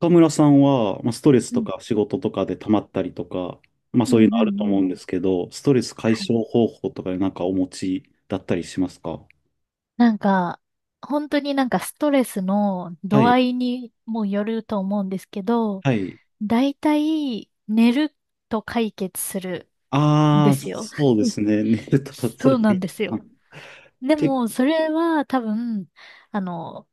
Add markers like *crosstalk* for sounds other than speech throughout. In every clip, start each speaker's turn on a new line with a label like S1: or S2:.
S1: 岡村さんは、まあ、ストレス
S2: う
S1: と
S2: ん、
S1: か仕事とかで溜まったりとか、まあ
S2: う
S1: そう
S2: ん、
S1: いう
S2: うん、
S1: のあ
S2: う
S1: ると思う
S2: ん。
S1: んですけど、ストレス解
S2: はい。
S1: 消方法とかでなんかお持ちだったりしますか？
S2: なんか、本当になんかストレスの
S1: は
S2: 度合
S1: い。
S2: いにもよると思うんですけど、
S1: はい。
S2: 大体寝ると解決するん
S1: あ
S2: で
S1: あ、
S2: すよ。
S1: そう
S2: *laughs*
S1: ですね。*laughs* 寝ると、そ
S2: そ
S1: れ
S2: う
S1: で
S2: な
S1: いい
S2: んです
S1: か
S2: よ。
S1: な。
S2: で
S1: け、
S2: も、それは多分、あの、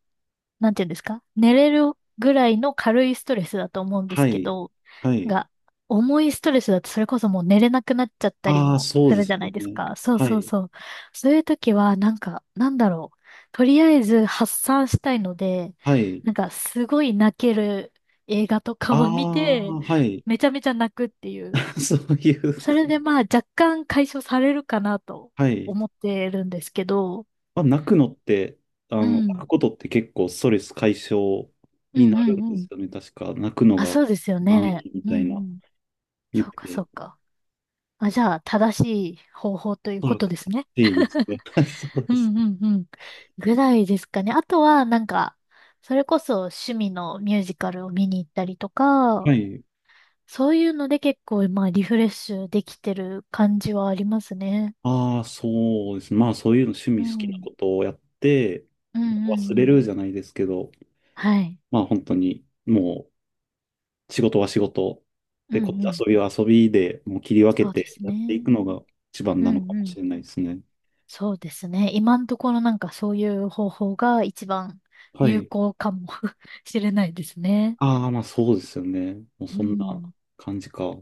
S2: なんていうんですか、寝れるぐらいの軽いストレスだと思うんです
S1: は
S2: け
S1: い。
S2: ど、
S1: はい。
S2: が、重いストレスだとそれこそもう寝れなくなっちゃったり
S1: ああ、
S2: も
S1: そ
S2: す
S1: うで
S2: るじ
S1: す
S2: ゃな
S1: よ
S2: いです
S1: ね。
S2: か。そう
S1: は
S2: そう
S1: い。
S2: そう。そういう時は、なんか、なんだろう。とりあえず発散したいので、
S1: はい。
S2: なんかすごい泣ける映画と
S1: あ
S2: かを見て、
S1: あ、はい。
S2: めちゃめちゃ泣くっていう。
S1: *laughs* そういう、
S2: それでまあ若干解消されるかなと
S1: はい。
S2: 思ってるんですけど、
S1: まあ、泣くのって、
S2: う
S1: 泣
S2: ん。
S1: くことって結構ストレス解消
S2: う
S1: に
S2: ん
S1: な
S2: う
S1: るん
S2: ん
S1: で
S2: う
S1: す
S2: ん。
S1: よね。確か、泣くの
S2: あ、
S1: が
S2: そうですよ
S1: 一番い
S2: ね。
S1: いみ
S2: う
S1: た
S2: んう
S1: いな
S2: ん。
S1: 言っ
S2: そうかそ
S1: て、
S2: うか。あ、じゃあ、正しい方法という
S1: おそ
S2: こ
S1: ら
S2: と
S1: く
S2: ですね。
S1: 正しいですね。*laughs* そう
S2: う
S1: です。
S2: んうんうん。ぐらいですかね。あとは、なんか、それこそ趣味のミュージカルを見に行ったりと
S1: は
S2: か、
S1: い。
S2: そういうので結構、まあ、リフレッシュできてる感じはありますね。
S1: ああ、そうですね。まあ、そういうの趣
S2: う
S1: 味好きな
S2: ん。
S1: ことをやって、
S2: うんう
S1: 忘
S2: んう
S1: れ
S2: ん。
S1: るじゃないですけど、
S2: はい。
S1: まあ、本当に、もう、仕事は仕事、
S2: う
S1: で、こっ
S2: ん
S1: ち
S2: うん。
S1: 遊びは遊びで、もう切り分
S2: そ
S1: け
S2: うで
S1: て
S2: す
S1: やってい
S2: ね。
S1: くのが一番
S2: う
S1: なの
S2: ん
S1: か
S2: う
S1: も
S2: ん、
S1: しれないですね。
S2: そうですね。今のところなんかそういう方法が一番
S1: は
S2: 有
S1: い。
S2: 効かも *laughs* しれないですね。
S1: ああ、まあそうですよね。もう
S2: う
S1: そんな
S2: ん。
S1: 感じか。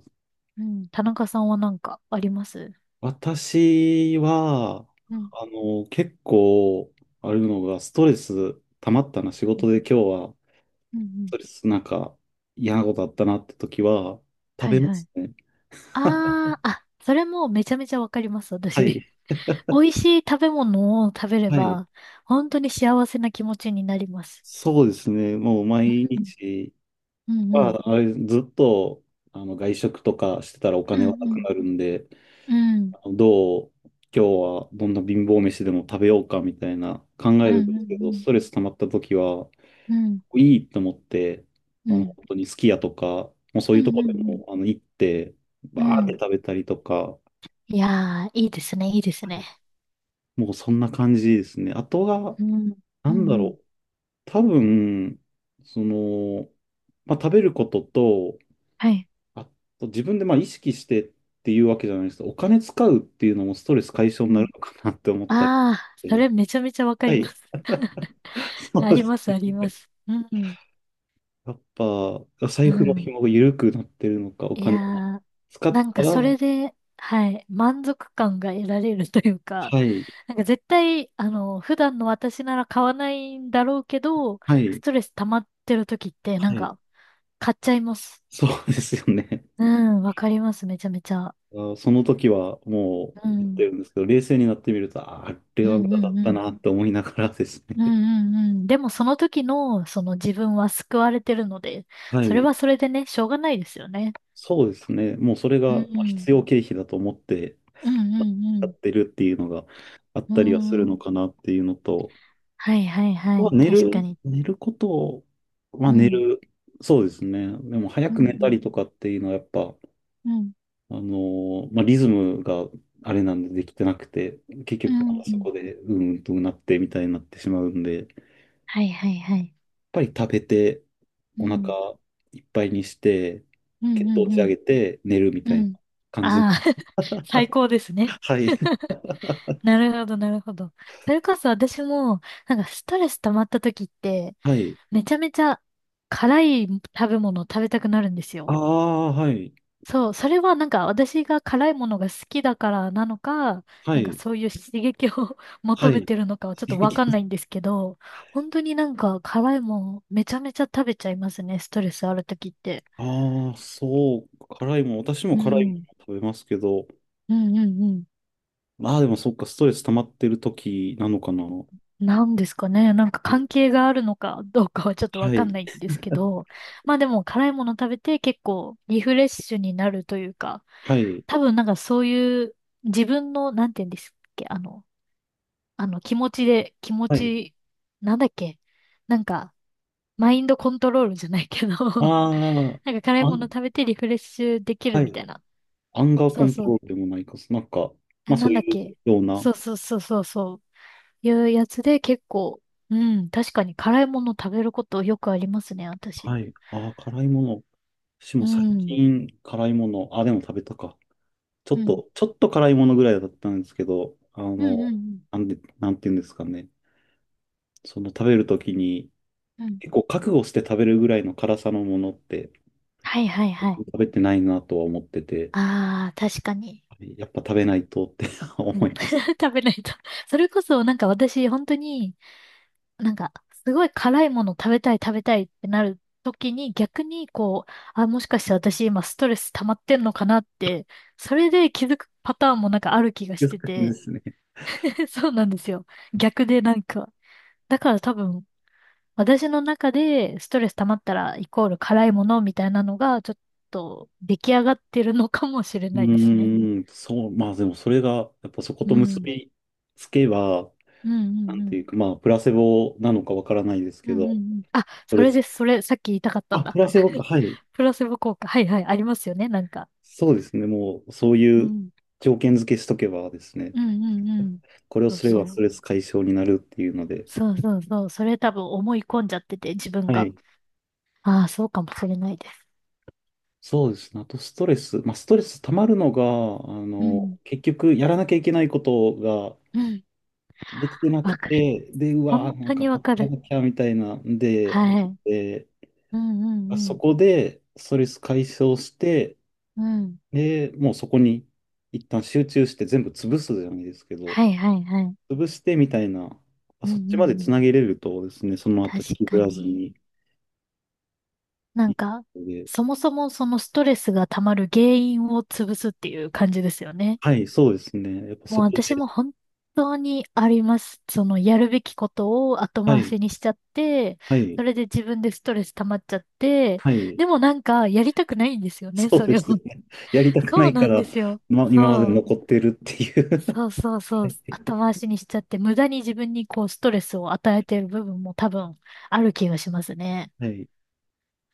S2: うん。田中さんはなんかあります。
S1: 私は、
S2: うん。
S1: 結構、あるのが、ストレス溜まったな、仕
S2: うん。
S1: 事で今日は、
S2: うんう
S1: ス
S2: ん、
S1: トレスなんか嫌なことあったなって時は、食
S2: はい
S1: べま
S2: はい。
S1: すね。*laughs*
S2: ああ、あ、それもめちゃめちゃわかります、
S1: は
S2: 私。
S1: い。
S2: *laughs* 美味しい食べ物を食べれ
S1: はい。
S2: ば、本当に幸せな気持ちになります。
S1: そうですね。もう毎
S2: うん。
S1: 日
S2: うんうん。
S1: は、ずっと、外食とかしてたらお
S2: う
S1: 金
S2: ん
S1: はな
S2: う
S1: く
S2: ん。
S1: なるんで、
S2: うん
S1: どう、今日はどんな貧乏飯でも食べようかみたいな考
S2: う
S1: え
S2: ん
S1: るんで
S2: う
S1: すけど、ス
S2: ん。
S1: トレス溜まった時は、
S2: うん
S1: いいと思って、
S2: うん。
S1: 本当にすき家とか、もうそう
S2: う
S1: いう
S2: ん
S1: とこで
S2: うん
S1: も、行って、
S2: うん。
S1: バー
S2: う
S1: って
S2: ん。
S1: 食べたりとか、
S2: いやー、いいですね、いいですね。
S1: もうそんな感じですね。あとは、
S2: うん、
S1: な
S2: う
S1: ん
S2: ん、
S1: だ
S2: うん。
S1: ろう、多分、その、まあ、食べることと、
S2: はい。
S1: あと自分でまあ意識してっていうわけじゃないですけど、お金使うっていうのもストレス解消
S2: う
S1: になる
S2: ん。
S1: のかなって思ったり
S2: ああ、
S1: し
S2: それ
S1: て。
S2: めちゃめちゃわか
S1: は
S2: りま
S1: い。
S2: す。*laughs*
S1: そ
S2: あ
S1: うで
S2: り
S1: す
S2: ます、ありま
S1: ね。
S2: す。うん、
S1: やっぱ、
S2: う
S1: 財布の
S2: ん。
S1: 紐が緩くなってるのか、お
S2: いや
S1: 金を
S2: ー、
S1: 使っ
S2: なん
S1: た
S2: か
S1: ら、
S2: そ
S1: は
S2: れで、はい、満足感が得られるというか、
S1: い、
S2: *laughs* なんか絶対、あの、普段の私なら買わないんだろうけど、
S1: は
S2: ス
S1: い、
S2: トレス溜まってる時って、な
S1: は
S2: ん
S1: い、
S2: か、買っちゃいます。
S1: そうですよね。
S2: うん、わかります、めちゃめちゃ。
S1: あその時はも
S2: う
S1: う言って
S2: ん、
S1: るんですけど、冷静になってみると、ああれ
S2: う
S1: は無
S2: ん、う
S1: 駄だ
S2: ん、
S1: っ
S2: う
S1: た
S2: ん。
S1: なって思いながらです
S2: うん
S1: ね。
S2: うんうん。でもその時の、その自分は救われてるので、
S1: は
S2: それ
S1: い、
S2: はそれでね、しょうがないですよね。
S1: そうですね。もうそれ
S2: う
S1: がまあ
S2: ん。
S1: 必要経費だと思って
S2: うんう
S1: やっ
S2: ん
S1: てるっていうのがあっ
S2: う
S1: たりはする
S2: ん。う
S1: の
S2: ん。
S1: かなっていうのと、
S2: はいはいは
S1: は
S2: い。
S1: 寝
S2: 確か
S1: る、
S2: に。
S1: 寝ることを、ま
S2: う
S1: あ寝
S2: ん。
S1: る、そうですね。でも早
S2: う
S1: く寝た
S2: ん
S1: りとかっていうのはやっぱ、
S2: うん
S1: あのまあリズムがあれなんでできてなくて、結
S2: う
S1: 局なん
S2: ん。
S1: か
S2: う
S1: そ
S2: ん。
S1: こでうんとうなってみたいになってしまうんで、やっ
S2: はいはいはい。
S1: ぱり食べて
S2: う
S1: お
S2: ん。
S1: 腹いっぱいにして、
S2: うん
S1: 血
S2: う
S1: 糖
S2: んう
S1: 値上
S2: ん。
S1: げて寝るみ
S2: う
S1: たいな
S2: ん。
S1: 感じ。
S2: ああ *laughs* 最高ですね。
S1: *laughs* はい。
S2: なるほどなるほど。それこそ私も、なんかストレス溜まった時って、
S1: はい。
S2: めちゃめちゃ辛い食べ物を食べたくなるんです
S1: あ
S2: よ。
S1: あ、はい。
S2: そう、それはなんか私が辛いものが好きだからなのか、
S1: は
S2: なんか
S1: い。
S2: そういう刺激を *laughs*
S1: は
S2: 求め
S1: い。
S2: てるのかはちょっとわかんな
S1: *laughs*
S2: いんですけど、本当になんか辛いもんめちゃめちゃ食べちゃいますね、ストレスあるときって。
S1: ああ、そう、辛いもん、私も
S2: う
S1: 辛いも
S2: ん。
S1: の食べますけど、
S2: うんうんうん。
S1: まあでもそっか、ストレス溜まってる時なのかな。は
S2: なんですかね。なんか関係があるのかどうかはちょっとわか
S1: い、
S2: んないんですけど、まあでも辛いもの食べて結構リフレッシュになるというか、
S1: はい、
S2: 多分なんかそういう自分の、なんて言うんですっけ、あの、気持ちで、気持
S1: はい。
S2: ち、なんだっけ、なんか、マインドコントロールじゃないけど
S1: あ
S2: *laughs* なんか辛い
S1: あ、
S2: もの食べてリフレッシュでき
S1: は
S2: るみた
S1: い。
S2: いな。
S1: アンガーコ
S2: そう
S1: ント
S2: そ
S1: ロー
S2: う。
S1: ルでもないか、なんか、ま
S2: あ、
S1: あそ
S2: な
S1: う
S2: んだっ
S1: い
S2: け。
S1: うような。
S2: そうそうそうそうそう。いうやつで結構、うん、確かに辛いもの食べることよくありますね、私。
S1: はい。ああ、辛いもの。私
S2: う
S1: も最
S2: ん。
S1: 近辛いもの、あ、でも食べたか。ちょ
S2: う
S1: っ
S2: ん。
S1: と、ちょっと辛いものぐらいだったんですけど、
S2: うんうん
S1: なんていうんですかね。その食べるときに、
S2: うん。うん。
S1: 結構覚悟して食べるぐらいの辛さのものって
S2: はいはいはい。
S1: 食べてないなとは思ってて。
S2: ああ、確かに。
S1: やっぱ食べないとって *laughs* 思
S2: うん。
S1: います。
S2: *laughs* 食べないと。*laughs* それこそなんか私、本当に、なんか、すごい辛いもの食べたい食べたいってなる時に逆にこう、あ、もしかして私今ストレス溜まってんのかなって、それで気づくパターンもなんかある気が
S1: 気を
S2: し
S1: つ
S2: て
S1: くんで
S2: て。
S1: すね。
S2: *laughs* そうなんですよ。逆でなんか。だから多分、私の中でストレス溜まったらイコール辛いものみたいなのがちょっと出来上がってるのかもしれ
S1: う
S2: ないですね。
S1: ーん、そう、まあでもそれが、やっぱそこと
S2: う
S1: 結
S2: ん。
S1: びつけば、
S2: うんう
S1: な
S2: んう
S1: んてい
S2: ん。
S1: うか、まあ、プラセボなのかわからないです
S2: う
S1: け
S2: んうんう
S1: ど、
S2: ん。あ、
S1: そ
S2: そ
S1: れ、
S2: れです。それ、さっき言いたかった
S1: あ、
S2: ん
S1: プ
S2: だ。
S1: ラセボか、
S2: *laughs*
S1: はい。
S2: プラセボ効果。はいはい、ありますよね、なんか。
S1: そうですね、もう、そうい
S2: う
S1: う
S2: ん。
S1: 条件付けしとけばですね、
S2: うんうんうん。
S1: これを
S2: そう
S1: すれば
S2: そ
S1: スト
S2: う。
S1: レス解消になるっていうので、
S2: そうそうそう。それ多分思い込んじゃってて、自分
S1: は
S2: が。
S1: い。
S2: ああ、そうかもしれないです。
S1: そうですね。あとストレス。まあ、ストレス溜まるのが、
S2: うん。
S1: 結局やらなきゃいけないこと
S2: うん。
S1: できてなく
S2: わかる。
S1: て、で、うわ
S2: 本
S1: ー、な
S2: 当
S1: んか
S2: にわ
S1: 待っ
S2: か
S1: てやら
S2: る。
S1: なきゃみたいなんで、あっ
S2: はい。
S1: て
S2: うん
S1: あ
S2: う
S1: そ
S2: ん
S1: こでストレス解消して、
S2: うん。うん。
S1: で、もうそこに一旦集中して全部潰すじゃないですけど、
S2: はいはいはい。う
S1: 潰してみたいな、あ
S2: んう
S1: そっ
S2: ん
S1: ちまで
S2: う
S1: つ
S2: ん。
S1: なげれるとですね、その後引
S2: 確
S1: きず
S2: か
S1: らず
S2: に。
S1: に
S2: な
S1: い
S2: ん
S1: く
S2: か、
S1: ので、
S2: そもそもそのストレスが溜まる原因を潰すっていう感じですよね。
S1: はい、そうですね。やっぱ
S2: もう
S1: そこ
S2: 私
S1: で、
S2: も本当にあります。そのやるべきことを後
S1: は
S2: 回
S1: い、
S2: しにしちゃって、
S1: はい、
S2: それで自分でストレス溜まっちゃって、
S1: はい、
S2: でもなんかやりたくないんですよね、
S1: そう
S2: そ
S1: で
S2: れを。
S1: すね。
S2: *laughs*
S1: *laughs* やりたくな
S2: そう
S1: い
S2: な
S1: か
S2: んで
S1: ら、
S2: すよ。
S1: ま、今ま
S2: そ
S1: で
S2: う。
S1: 残ってるっていう。
S2: そうそうそう。後回しにしちゃって、無駄に自分にこうストレスを与えてる部分も多分ある気がしますね。
S1: はい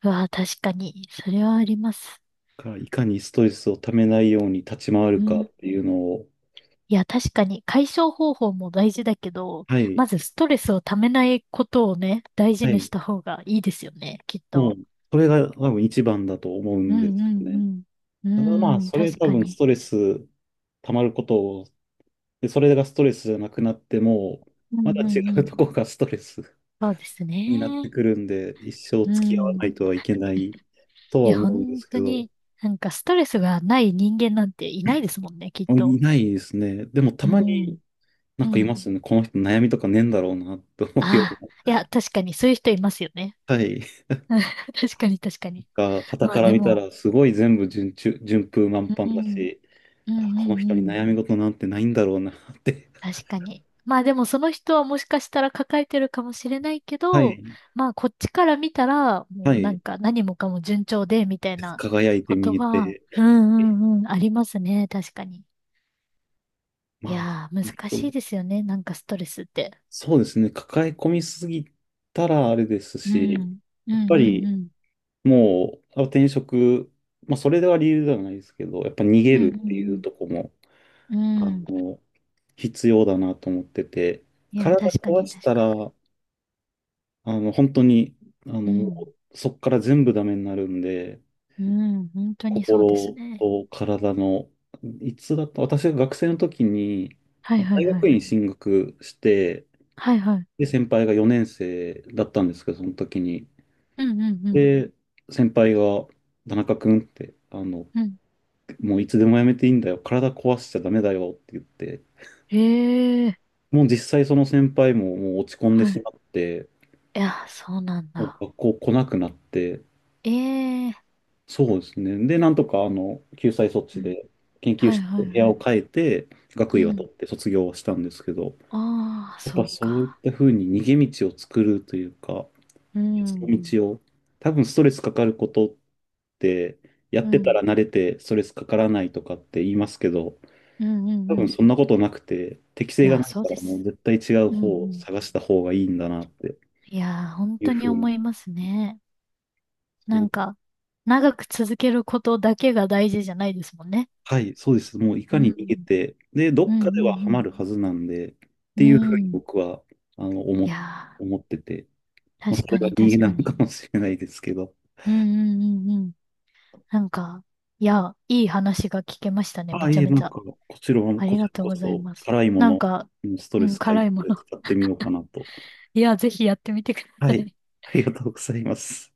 S2: うわ確かに。それはあります。
S1: からいかにストレスをためないように立ち回る
S2: う
S1: か
S2: ん。
S1: っていうのを、
S2: いや、確かに解消方法も大事だけど、
S1: はい、
S2: まずストレスをためないことをね、大事
S1: は
S2: にし
S1: い、
S2: た方がいいですよね、きっ
S1: も
S2: と。
S1: う、それが多分一番だと思う
S2: う
S1: んで
S2: ん
S1: す
S2: う
S1: よね。
S2: んう
S1: だからま
S2: ん。
S1: あ、
S2: うん、
S1: それ
S2: 確
S1: 多
S2: か
S1: 分ス
S2: に。
S1: トレス溜まることを、で、それがストレスじゃなくなっても、
S2: う
S1: ま
S2: ん
S1: だ
S2: う
S1: 違
S2: んう
S1: う
S2: ん。
S1: とこがストレス *laughs*
S2: そうです
S1: になって
S2: ね。
S1: くるんで、一生
S2: う
S1: 付き合わな
S2: ん。
S1: いとはいけないと
S2: い
S1: は
S2: や、
S1: 思うんで
S2: 本
S1: すけ
S2: 当
S1: ど、
S2: に、なんかストレスがない人間なんていないですもんね、きっと。
S1: いないですね。でもた
S2: う
S1: まに
S2: ん。
S1: な
S2: う
S1: んかい
S2: ん。
S1: ますよね。この人悩みとかねえんだろうなと思うよ
S2: ああ、
S1: う
S2: いや、確かにそういう人いますよね。
S1: な。はい。
S2: *laughs* 確かに確かに。
S1: が、傍
S2: ま
S1: か
S2: あ
S1: ら
S2: で
S1: 見た
S2: も、
S1: ら、すごい全部順風満
S2: う
S1: 帆だ
S2: ん、
S1: し、
S2: う
S1: あ、
S2: んう
S1: この
S2: んう
S1: 人に
S2: ん。
S1: 悩み事なんてないんだろうなって、
S2: 確かに。まあでもその人はもしかしたら抱えてるかもしれないけ
S1: *laughs* は
S2: ど、
S1: い、
S2: まあこっちから見たら、も
S1: は
S2: うな
S1: い、
S2: んか何もかも順調で、みたいな
S1: 輝いて
S2: こ
S1: 見
S2: と
S1: え
S2: は、
S1: て、
S2: うん
S1: え
S2: うんうん、ありますね。確かに。
S1: ま
S2: い
S1: あ、そ
S2: やー、
S1: の
S2: 難しい
S1: 人
S2: ですよね。なんかストレスって。
S1: そうですね、抱え込みすぎたらあれです
S2: う
S1: し、
S2: ん。う
S1: やっ
S2: んう
S1: ぱ
S2: ん
S1: り
S2: うん。
S1: もう、あ転職、まあ、それでは理由ではないですけど、やっぱ逃げ
S2: う
S1: るっていう
S2: ん
S1: とこも、
S2: うんう
S1: あ
S2: ん。うん。
S1: の、必要だなと思ってて、
S2: いや、
S1: 体
S2: 確か
S1: 壊
S2: に
S1: し
S2: 確
S1: た
S2: か
S1: ら、本当に、
S2: に。う
S1: も
S2: ん。
S1: うそこから全部ダメになるんで、
S2: うん。本当にそうです
S1: 心
S2: ね。
S1: と体の、いつだった、私が学生の時に、
S2: はいはい
S1: 大
S2: は
S1: 学
S2: い。
S1: 院進学して、
S2: はいはい。
S1: で、先輩が4年生だったんですけど、その時に。
S2: うんうんうん。
S1: で、先輩が、田中君って、
S2: うん。
S1: もういつでもやめていいんだよ、体壊しちゃダメだよって言って、
S2: ええー。
S1: もう実際その先輩ももう落ち込んで
S2: は
S1: し
S2: い。
S1: まって、
S2: いや、そうなん
S1: も
S2: だ。
S1: う学校来なくなって、
S2: ええ、
S1: そうですね。で、なんとか、救済措
S2: う
S1: 置
S2: ん。
S1: で、研究
S2: はい
S1: 室、
S2: は
S1: の
S2: い
S1: 部屋
S2: は
S1: を
S2: い。
S1: 変えて、学
S2: う
S1: 位は取
S2: ん。
S1: って卒業はしたんですけど、
S2: ああ、
S1: やっ
S2: そ
S1: ぱ
S2: う
S1: そういっ
S2: か。
S1: たふうに逃げ道を作るというか、
S2: う
S1: 別の
S2: ん。
S1: 道を、多分ストレスかかることって、や
S2: う
S1: ってた
S2: ん。
S1: ら慣れてストレスかからないとかって言いますけど、
S2: うんうん
S1: 多
S2: う
S1: 分
S2: ん。
S1: そんなことなくて、適
S2: い
S1: 性が
S2: や、
S1: ない
S2: そう
S1: から
S2: で
S1: もう
S2: す。
S1: 絶対違う
S2: うんう
S1: 方を
S2: ん。
S1: 探した方がいいんだなって
S2: いやー、本
S1: いう
S2: 当
S1: ふ
S2: に
S1: うに。
S2: 思いますね。
S1: そ
S2: な
S1: う
S2: んか、長く続けることだけが大事じゃないですもんね。
S1: はい、そうです。もうい
S2: う
S1: かに逃げ
S2: ん。
S1: て、で、ど
S2: うん
S1: っ
S2: う
S1: かではハマ
S2: ん
S1: るはずなんで、っ
S2: う
S1: て
S2: ん。
S1: いうふう
S2: う
S1: に
S2: ん。
S1: 僕は、あの、
S2: い
S1: 思、
S2: や
S1: 思ってて、
S2: ー、
S1: まあ、
S2: 確
S1: それ
S2: か
S1: が
S2: に
S1: 逃げ
S2: 確
S1: な
S2: か
S1: のか
S2: に。
S1: もしれないですけど。
S2: うんうんうんうん。なんか、いや、いい話が聞けました
S1: *laughs*
S2: ね。
S1: あ
S2: め
S1: あ、
S2: ち
S1: い
S2: ゃ
S1: え、
S2: め
S1: な
S2: ち
S1: ん
S2: ゃ。
S1: か、
S2: あ
S1: こ
S2: り
S1: ち
S2: が
S1: ら
S2: とう
S1: こ
S2: ござい
S1: そ、
S2: ます。
S1: 辛いも
S2: な
S1: の、
S2: んか、
S1: うんスト
S2: う
S1: レ
S2: ん、
S1: ス解
S2: 辛いも
S1: 消で
S2: の、
S1: 使ってみようかなと。
S2: いや、ぜひやってみてく
S1: は
S2: ださ
S1: い、
S2: い。
S1: ありがとうございます。